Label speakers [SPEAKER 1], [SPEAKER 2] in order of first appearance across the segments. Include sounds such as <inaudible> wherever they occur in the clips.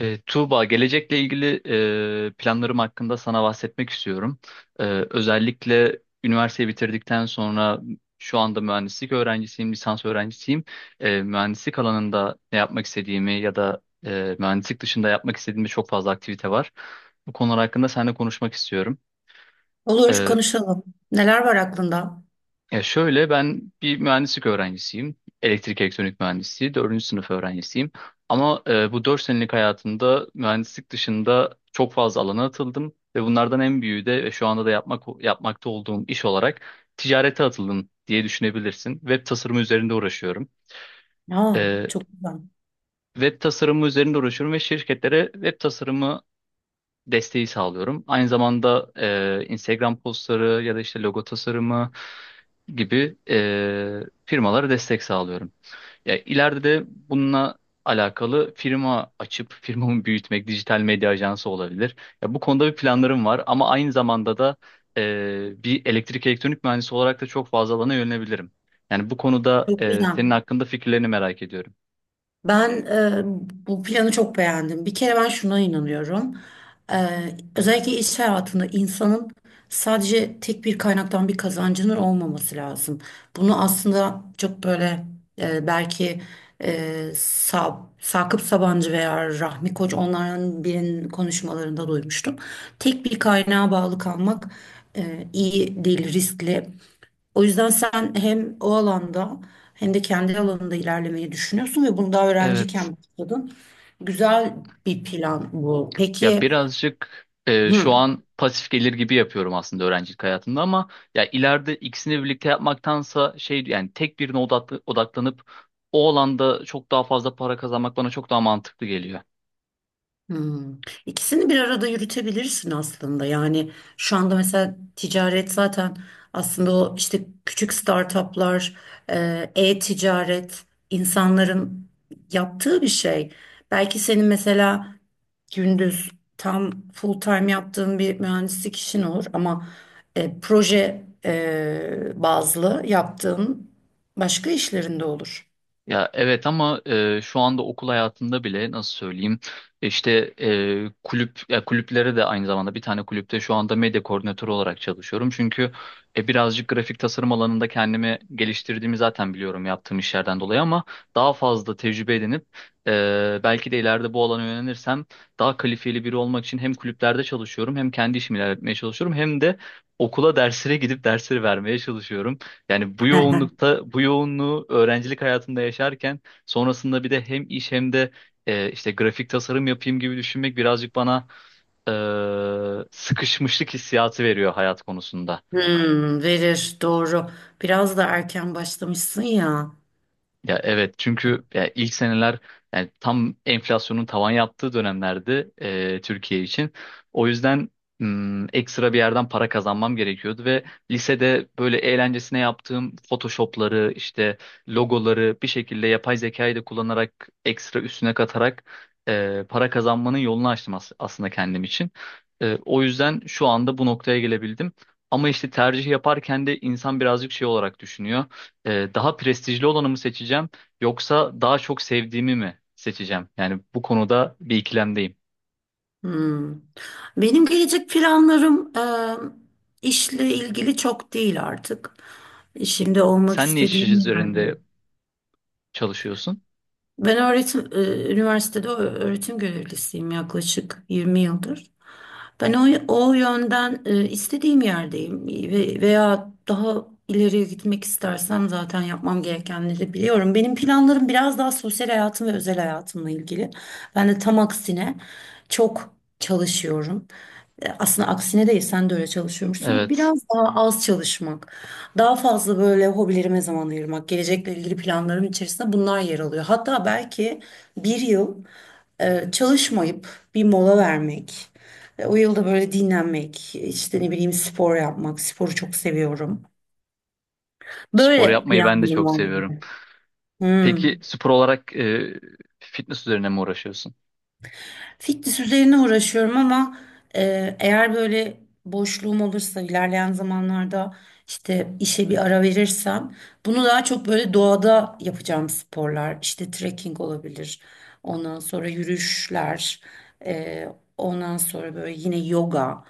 [SPEAKER 1] Tuğba, gelecekle ilgili planlarım hakkında sana bahsetmek istiyorum. E, özellikle üniversiteyi bitirdikten sonra şu anda mühendislik öğrencisiyim, lisans öğrencisiyim. Mühendislik alanında ne yapmak istediğimi ya da mühendislik dışında yapmak istediğimde çok fazla aktivite var. Bu konular hakkında seninle konuşmak istiyorum.
[SPEAKER 2] Olur
[SPEAKER 1] Ee,
[SPEAKER 2] konuşalım. Neler var aklında?
[SPEAKER 1] Ya şöyle ben bir mühendislik öğrencisiyim. Elektrik elektronik mühendisliği dördüncü sınıf öğrencisiyim. Ama bu dört senelik hayatımda mühendislik dışında çok fazla alana atıldım. Ve bunlardan en büyüğü de ve şu anda da yapmakta olduğum iş olarak ticarete atıldım diye düşünebilirsin. Web tasarımı üzerinde uğraşıyorum.
[SPEAKER 2] Aa,
[SPEAKER 1] E,
[SPEAKER 2] çok güzel.
[SPEAKER 1] web tasarımı üzerinde uğraşıyorum ve şirketlere web tasarımı desteği sağlıyorum. Aynı zamanda Instagram postları ya da işte logo tasarımı gibi firmalara destek sağlıyorum. Ya ileride de bununla alakalı firma açıp <laughs> firmamı büyütmek, dijital medya ajansı olabilir. Ya bu konuda bir planlarım var ama aynı zamanda da bir elektrik elektronik mühendisi olarak da çok fazla alana yönelebilirim. Yani bu konuda
[SPEAKER 2] Çok
[SPEAKER 1] senin
[SPEAKER 2] güzel.
[SPEAKER 1] hakkında fikirlerini merak ediyorum.
[SPEAKER 2] Ben e, bu planı çok beğendim. Bir kere ben şuna inanıyorum. E, Özellikle iş hayatında insanın sadece tek bir kaynaktan bir kazancının olmaması lazım. Bunu aslında çok böyle belki e, Sakıp Sabancı veya Rahmi Koç, onların birinin konuşmalarında duymuştum. Tek bir kaynağa bağlı kalmak iyi değil, riskli. O yüzden sen hem o alanda hem de kendi alanında ilerlemeyi düşünüyorsun ve bunu daha
[SPEAKER 1] Evet.
[SPEAKER 2] öğrenciyken başladın. Güzel bir plan bu.
[SPEAKER 1] Ya
[SPEAKER 2] Peki.
[SPEAKER 1] birazcık
[SPEAKER 2] Hı.
[SPEAKER 1] şu an pasif gelir gibi yapıyorum aslında öğrencilik hayatımda ama ya ileride ikisini birlikte yapmaktansa şey yani tek birine odaklanıp o alanda çok daha fazla para kazanmak bana çok daha mantıklı geliyor.
[SPEAKER 2] Hmm. İkisini bir arada yürütebilirsin aslında. Yani şu anda mesela ticaret zaten aslında o işte küçük startuplar, e-ticaret insanların yaptığı bir şey. Belki senin mesela gündüz tam full time yaptığın bir mühendislik işin olur, ama proje bazlı yaptığın başka işlerinde olur.
[SPEAKER 1] Ya evet ama şu anda okul hayatında bile nasıl söyleyeyim işte kulüplere de aynı zamanda bir tane kulüpte şu anda medya koordinatörü olarak çalışıyorum. Çünkü birazcık grafik tasarım alanında kendimi geliştirdiğimi zaten biliyorum yaptığım işlerden dolayı ama daha fazla tecrübe edinip belki de ileride bu alana yönelirsem daha kalifiyeli biri olmak için hem kulüplerde çalışıyorum hem kendi işimi ilerletmeye çalışıyorum hem de okula derslere gidip dersleri vermeye çalışıyorum. Yani bu yoğunluğu öğrencilik hayatında yaşarken sonrasında bir de hem iş hem de işte grafik tasarım yapayım gibi düşünmek birazcık bana sıkışmışlık hissiyatı veriyor hayat konusunda.
[SPEAKER 2] Hmm, verir doğru. Biraz da erken başlamışsın ya.
[SPEAKER 1] Ya evet çünkü ya ilk seneler yani tam enflasyonun tavan yaptığı dönemlerdi Türkiye için. O yüzden ekstra bir yerden para kazanmam gerekiyordu ve lisede böyle eğlencesine yaptığım Photoshop'ları işte logoları bir şekilde yapay zekayı da kullanarak ekstra üstüne katarak para kazanmanın yolunu açtım aslında kendim için. O yüzden şu anda bu noktaya gelebildim. Ama işte tercih yaparken de insan birazcık şey olarak düşünüyor, daha prestijli olanı mı seçeceğim yoksa daha çok sevdiğimi mi seçeceğim? Yani bu konuda bir ikilemdeyim.
[SPEAKER 2] Hmm. Benim gelecek planlarım işle ilgili çok değil artık. Şimdi olmak
[SPEAKER 1] Sen ne iş
[SPEAKER 2] istediğim
[SPEAKER 1] üzerinde
[SPEAKER 2] yerdeyim.
[SPEAKER 1] çalışıyorsun?
[SPEAKER 2] Ben üniversitede öğretim görevlisiyim yaklaşık 20 yıldır. Ben o yönden istediğim yerdeyim, veya daha ileriye gitmek istersem zaten yapmam gerekenleri biliyorum. Benim planlarım biraz daha sosyal hayatım ve özel hayatımla ilgili. Ben de tam aksine çok çalışıyorum. Aslında aksine değil, sen de öyle çalışıyormuşsun, ama
[SPEAKER 1] Evet,
[SPEAKER 2] biraz daha az çalışmak, daha fazla böyle hobilerime zaman ayırmak, gelecekle ilgili planlarım içerisinde bunlar yer alıyor. Hatta belki bir yıl çalışmayıp bir mola vermek. Ve o yılda böyle dinlenmek, işte ne bileyim spor yapmak, sporu çok seviyorum.
[SPEAKER 1] spor
[SPEAKER 2] Böyle
[SPEAKER 1] yapmayı ben de
[SPEAKER 2] planlarım
[SPEAKER 1] çok
[SPEAKER 2] vardı
[SPEAKER 1] seviyorum.
[SPEAKER 2] gibi. Hmm.
[SPEAKER 1] Peki spor olarak fitness üzerine mi uğraşıyorsun?
[SPEAKER 2] Fitness üzerine uğraşıyorum, ama eğer böyle boşluğum olursa ilerleyen zamanlarda, işte işe bir ara verirsem, bunu daha çok böyle doğada yapacağım sporlar, işte trekking olabilir, ondan sonra yürüyüşler, e, ondan sonra böyle yine yoga,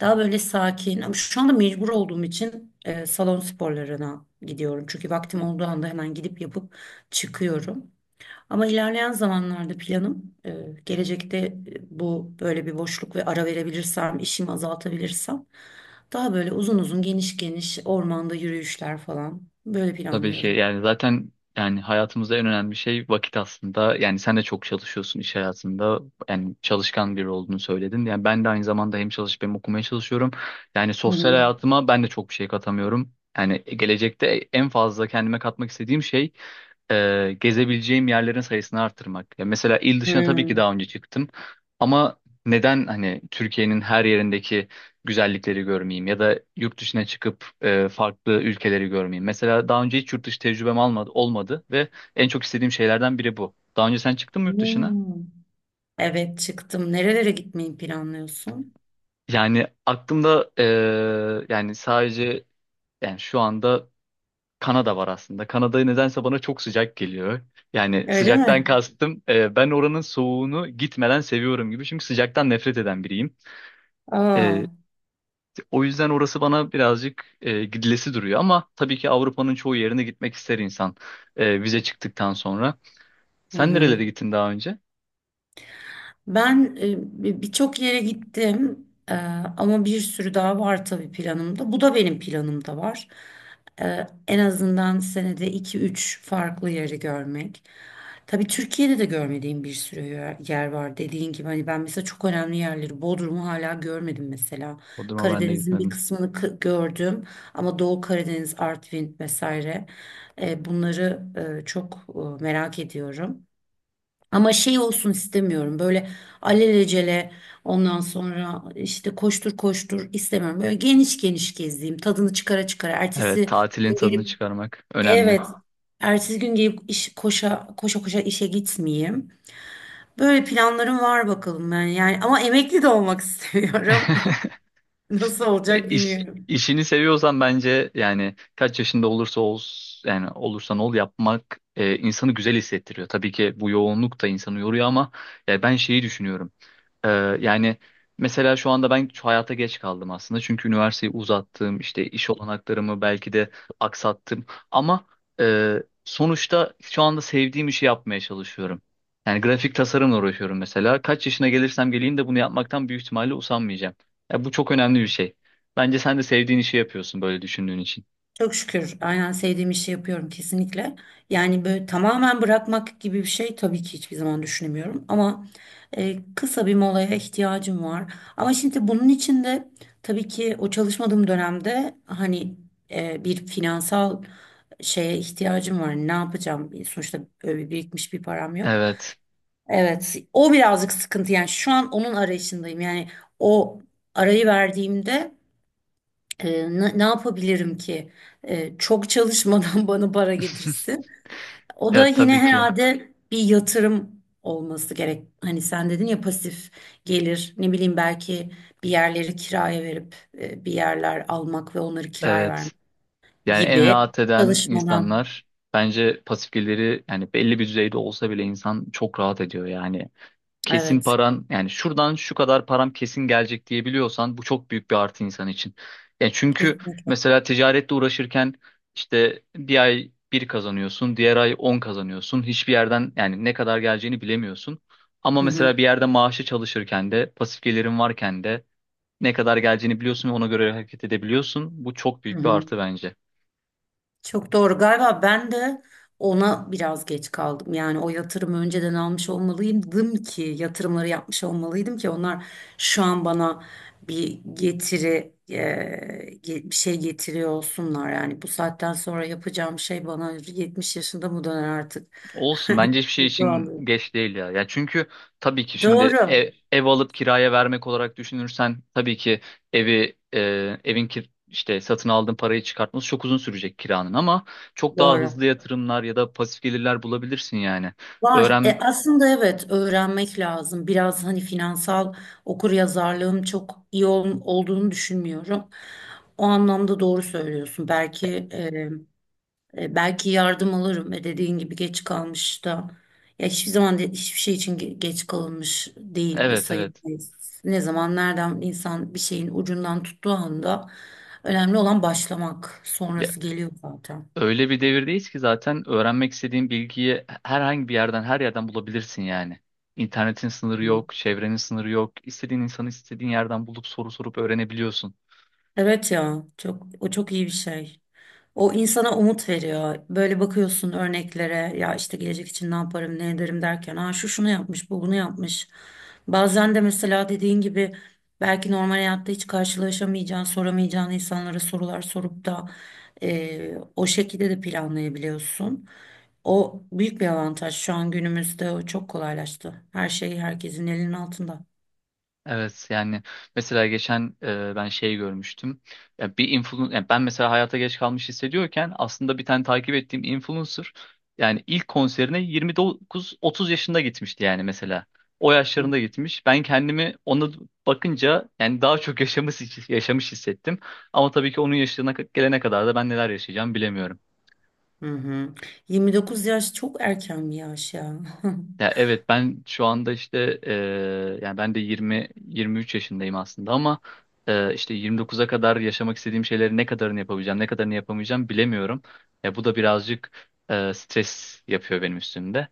[SPEAKER 2] daha böyle sakin. Ama şu anda mecbur olduğum için salon sporlarına gidiyorum, çünkü vaktim olduğu anda hemen gidip yapıp çıkıyorum. Ama ilerleyen zamanlarda planım gelecekte bu böyle bir boşluk ve ara verebilirsem, işimi azaltabilirsem, daha böyle uzun uzun geniş geniş ormanda yürüyüşler falan, böyle
[SPEAKER 1] Tabii ki
[SPEAKER 2] planlıyorum.
[SPEAKER 1] yani zaten yani hayatımızda en önemli şey vakit aslında. Yani sen de çok çalışıyorsun iş hayatında. Yani çalışkan biri olduğunu söyledin. Yani ben de aynı zamanda hem çalışıp hem okumaya çalışıyorum. Yani
[SPEAKER 2] Hı
[SPEAKER 1] sosyal
[SPEAKER 2] hı.
[SPEAKER 1] hayatıma ben de çok bir şey katamıyorum. Yani gelecekte en fazla kendime katmak istediğim şey gezebileceğim yerlerin sayısını artırmak. Ya mesela il dışına tabii ki daha önce çıktım ama neden hani Türkiye'nin her yerindeki güzellikleri görmeyeyim ya da yurt dışına çıkıp farklı ülkeleri görmeyeyim. Mesela daha önce hiç yurt dışı tecrübem olmadı ve en çok istediğim şeylerden biri bu. Daha önce sen çıktın mı yurt dışına?
[SPEAKER 2] Hmm. Evet, çıktım. Nerelere gitmeyi planlıyorsun?
[SPEAKER 1] Yani aklımda yani sadece yani şu anda Kanada var aslında. Kanada nedense bana çok sıcak geliyor. Yani
[SPEAKER 2] Öyle
[SPEAKER 1] sıcaktan
[SPEAKER 2] mi?
[SPEAKER 1] kastım ben oranın soğuğunu gitmeden seviyorum gibi. Çünkü sıcaktan nefret eden biriyim.
[SPEAKER 2] Aa,
[SPEAKER 1] E, o yüzden orası bana birazcık gidilesi duruyor. Ama tabii ki Avrupa'nın çoğu yerine gitmek ister insan vize çıktıktan sonra.
[SPEAKER 2] hı
[SPEAKER 1] Sen
[SPEAKER 2] hı.
[SPEAKER 1] nerelere gittin daha önce?
[SPEAKER 2] Ben birçok yere gittim, ama bir sürü daha var tabii planımda. Bu da benim planımda var. En azından senede iki üç farklı yeri görmek. Tabii Türkiye'de de görmediğim bir sürü yer var. Dediğin gibi, hani ben mesela çok önemli yerleri, Bodrum'u hala görmedim mesela.
[SPEAKER 1] Bodrum'a ben de
[SPEAKER 2] Karadeniz'in bir
[SPEAKER 1] gitmedim.
[SPEAKER 2] kısmını gördüm, ama Doğu Karadeniz, Artvin vesaire, bunları çok merak ediyorum. Ama şey olsun istemiyorum. Böyle alelacele, ondan sonra işte koştur koştur istemiyorum. Böyle geniş geniş gezeyim. Tadını çıkara çıkara.
[SPEAKER 1] Evet,
[SPEAKER 2] Ertesi
[SPEAKER 1] tatilin
[SPEAKER 2] gün
[SPEAKER 1] tadını
[SPEAKER 2] gelip,
[SPEAKER 1] çıkarmak önemli.
[SPEAKER 2] evet. Ertesi gün gelip koşa koşa koşa işe gitmeyeyim. Böyle planlarım var bakalım ben yani. Ama emekli de olmak <laughs> istiyorum.
[SPEAKER 1] <laughs>
[SPEAKER 2] Nasıl
[SPEAKER 1] E,
[SPEAKER 2] olacak
[SPEAKER 1] İş,
[SPEAKER 2] bilmiyorum.
[SPEAKER 1] işini seviyorsan bence yani kaç yaşında olursa ol yani olursan ol yapmak insanı güzel hissettiriyor. Tabii ki bu yoğunluk da insanı yoruyor ama ya ben şeyi düşünüyorum. E, Yani mesela şu anda ben şu hayata geç kaldım aslında. Çünkü üniversiteyi uzattım, işte iş olanaklarımı belki de aksattım ama e, sonuçta şu anda sevdiğim işi yapmaya çalışıyorum. Yani grafik tasarımla uğraşıyorum mesela. Kaç yaşına gelirsem geleyim de bunu yapmaktan büyük ihtimalle usanmayacağım. Ya bu çok önemli bir şey. Bence sen de sevdiğin işi yapıyorsun böyle düşündüğün için.
[SPEAKER 2] Çok şükür, aynen, sevdiğim işi yapıyorum kesinlikle. Yani böyle tamamen bırakmak gibi bir şey tabii ki hiçbir zaman düşünemiyorum. Ama kısa bir molaya ihtiyacım var. Ama şimdi bunun için de tabii ki o çalışmadığım dönemde hani bir finansal şeye ihtiyacım var. Ne yapacağım? Sonuçta öyle birikmiş bir param yok.
[SPEAKER 1] Evet.
[SPEAKER 2] Evet, o birazcık sıkıntı. Yani şu an onun arayışındayım. Yani o arayı verdiğimde ne yapabilirim ki? Çok çalışmadan <laughs> bana para
[SPEAKER 1] <laughs>
[SPEAKER 2] getirsin. O da
[SPEAKER 1] Ya
[SPEAKER 2] yine
[SPEAKER 1] tabii ki.
[SPEAKER 2] herhalde bir yatırım olması gerek. Hani sen dedin ya, pasif gelir. Ne bileyim, belki bir yerleri kiraya verip bir yerler almak ve onları kiraya vermek
[SPEAKER 1] Evet. Yani en
[SPEAKER 2] gibi,
[SPEAKER 1] rahat eden
[SPEAKER 2] çalışmadan.
[SPEAKER 1] insanlar bence pasif geliri yani belli bir düzeyde olsa bile insan çok rahat ediyor yani. Kesin
[SPEAKER 2] Evet,
[SPEAKER 1] paran yani şuradan şu kadar param kesin gelecek diyebiliyorsan bu çok büyük bir artı insan için. Yani çünkü
[SPEAKER 2] kesinlikle.
[SPEAKER 1] mesela ticaretle uğraşırken işte bir ay bir kazanıyorsun, diğer ay 10 kazanıyorsun. Hiçbir yerden yani ne kadar geleceğini bilemiyorsun. Ama
[SPEAKER 2] Hı hı.
[SPEAKER 1] mesela bir yerde maaşı çalışırken de pasif gelirin varken de ne kadar geleceğini biliyorsun ve ona göre hareket edebiliyorsun. Bu çok
[SPEAKER 2] Hı
[SPEAKER 1] büyük bir
[SPEAKER 2] hı.
[SPEAKER 1] artı bence.
[SPEAKER 2] Çok doğru. Galiba ben de ona biraz geç kaldım. Yani o yatırımı önceden almış olmalıydım, ki yatırımları yapmış olmalıydım ki onlar şu an bana bir getiri bir şey getiriyor olsunlar. Yani bu saatten sonra yapacağım şey bana 70 yaşında mı döner artık?
[SPEAKER 1] Olsun bence
[SPEAKER 2] <laughs>
[SPEAKER 1] hiçbir şey için
[SPEAKER 2] Doğru.
[SPEAKER 1] geç değil ya. Ya çünkü tabii ki şimdi
[SPEAKER 2] Doğru.
[SPEAKER 1] ev alıp kiraya vermek olarak düşünürsen tabii ki evi e, evin kir işte satın aldığın parayı çıkartması çok uzun sürecek kiranın ama çok daha
[SPEAKER 2] Doğru.
[SPEAKER 1] hızlı yatırımlar ya da pasif gelirler bulabilirsin yani.
[SPEAKER 2] Var.
[SPEAKER 1] Öğren
[SPEAKER 2] Aslında evet, öğrenmek lazım. Biraz hani finansal okuryazarlığım çok iyi olduğunu düşünmüyorum. O anlamda doğru söylüyorsun. Belki belki yardım alırım. Ve dediğin gibi geç kalmış da, ya hiçbir zaman, hiçbir şey için geç kalınmış değil
[SPEAKER 1] evet, evet.
[SPEAKER 2] sayılmayız. Ne zaman nereden insan bir şeyin ucundan tuttuğu anda, önemli olan başlamak.
[SPEAKER 1] Ya,
[SPEAKER 2] Sonrası geliyor zaten.
[SPEAKER 1] öyle bir devirdeyiz ki zaten öğrenmek istediğin bilgiyi herhangi bir yerden her yerden bulabilirsin yani. İnternetin sınırı
[SPEAKER 2] Hı.
[SPEAKER 1] yok, çevrenin sınırı yok. İstediğin insanı istediğin yerden bulup soru sorup öğrenebiliyorsun.
[SPEAKER 2] Evet ya, çok, o çok iyi bir şey. O insana umut veriyor. Böyle bakıyorsun örneklere, ya işte gelecek için ne yaparım ne ederim derken, ha şu şunu yapmış, bu bunu yapmış. Bazen de mesela dediğin gibi, belki normal hayatta hiç karşılaşamayacağın, soramayacağın insanlara sorular sorup da o şekilde de planlayabiliyorsun. O büyük bir avantaj, şu an günümüzde o çok kolaylaştı. Her şey herkesin elinin altında.
[SPEAKER 1] Evet yani mesela geçen ben şey görmüştüm. Ya bir influencer yani ben mesela hayata geç kalmış hissediyorken aslında bir tane takip ettiğim influencer yani ilk konserine 29-30 yaşında gitmişti yani mesela. O yaşlarında gitmiş. Ben kendimi ona bakınca yani daha çok yaşamış yaşamış hissettim. Ama tabii ki onun yaşına gelene kadar da ben neler yaşayacağım bilemiyorum.
[SPEAKER 2] Hı hı. 29 yaş çok erken bir yaş ya. <laughs>
[SPEAKER 1] Ya evet ben şu anda işte yani ben de 20 23 yaşındayım aslında ama işte 29'a kadar yaşamak istediğim şeyleri ne kadarını yapabileceğim, ne kadarını yapamayacağım bilemiyorum. Ya bu da birazcık stres yapıyor benim üstümde.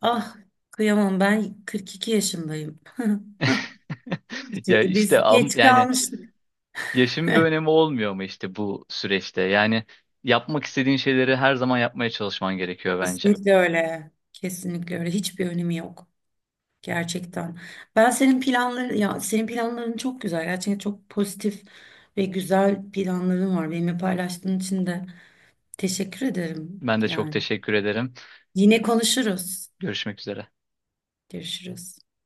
[SPEAKER 2] Ah, kıyamam, ben 42 yaşındayım.
[SPEAKER 1] <laughs> Ya
[SPEAKER 2] Şimdi
[SPEAKER 1] işte
[SPEAKER 2] biz geç
[SPEAKER 1] yani
[SPEAKER 2] kalmıştık.
[SPEAKER 1] yaşın bir önemi olmuyor mu işte bu süreçte? Yani yapmak istediğin şeyleri her zaman yapmaya çalışman gerekiyor bence.
[SPEAKER 2] Kesinlikle öyle. Kesinlikle öyle. Hiçbir önemi yok. Gerçekten. Ben senin planların çok güzel. Gerçekten çok pozitif ve güzel planların var. Benimle paylaştığın için de teşekkür ederim.
[SPEAKER 1] Ben de çok
[SPEAKER 2] Yani
[SPEAKER 1] teşekkür ederim.
[SPEAKER 2] yine konuşuruz.
[SPEAKER 1] Görüşmek üzere.
[SPEAKER 2] Görüşürüz.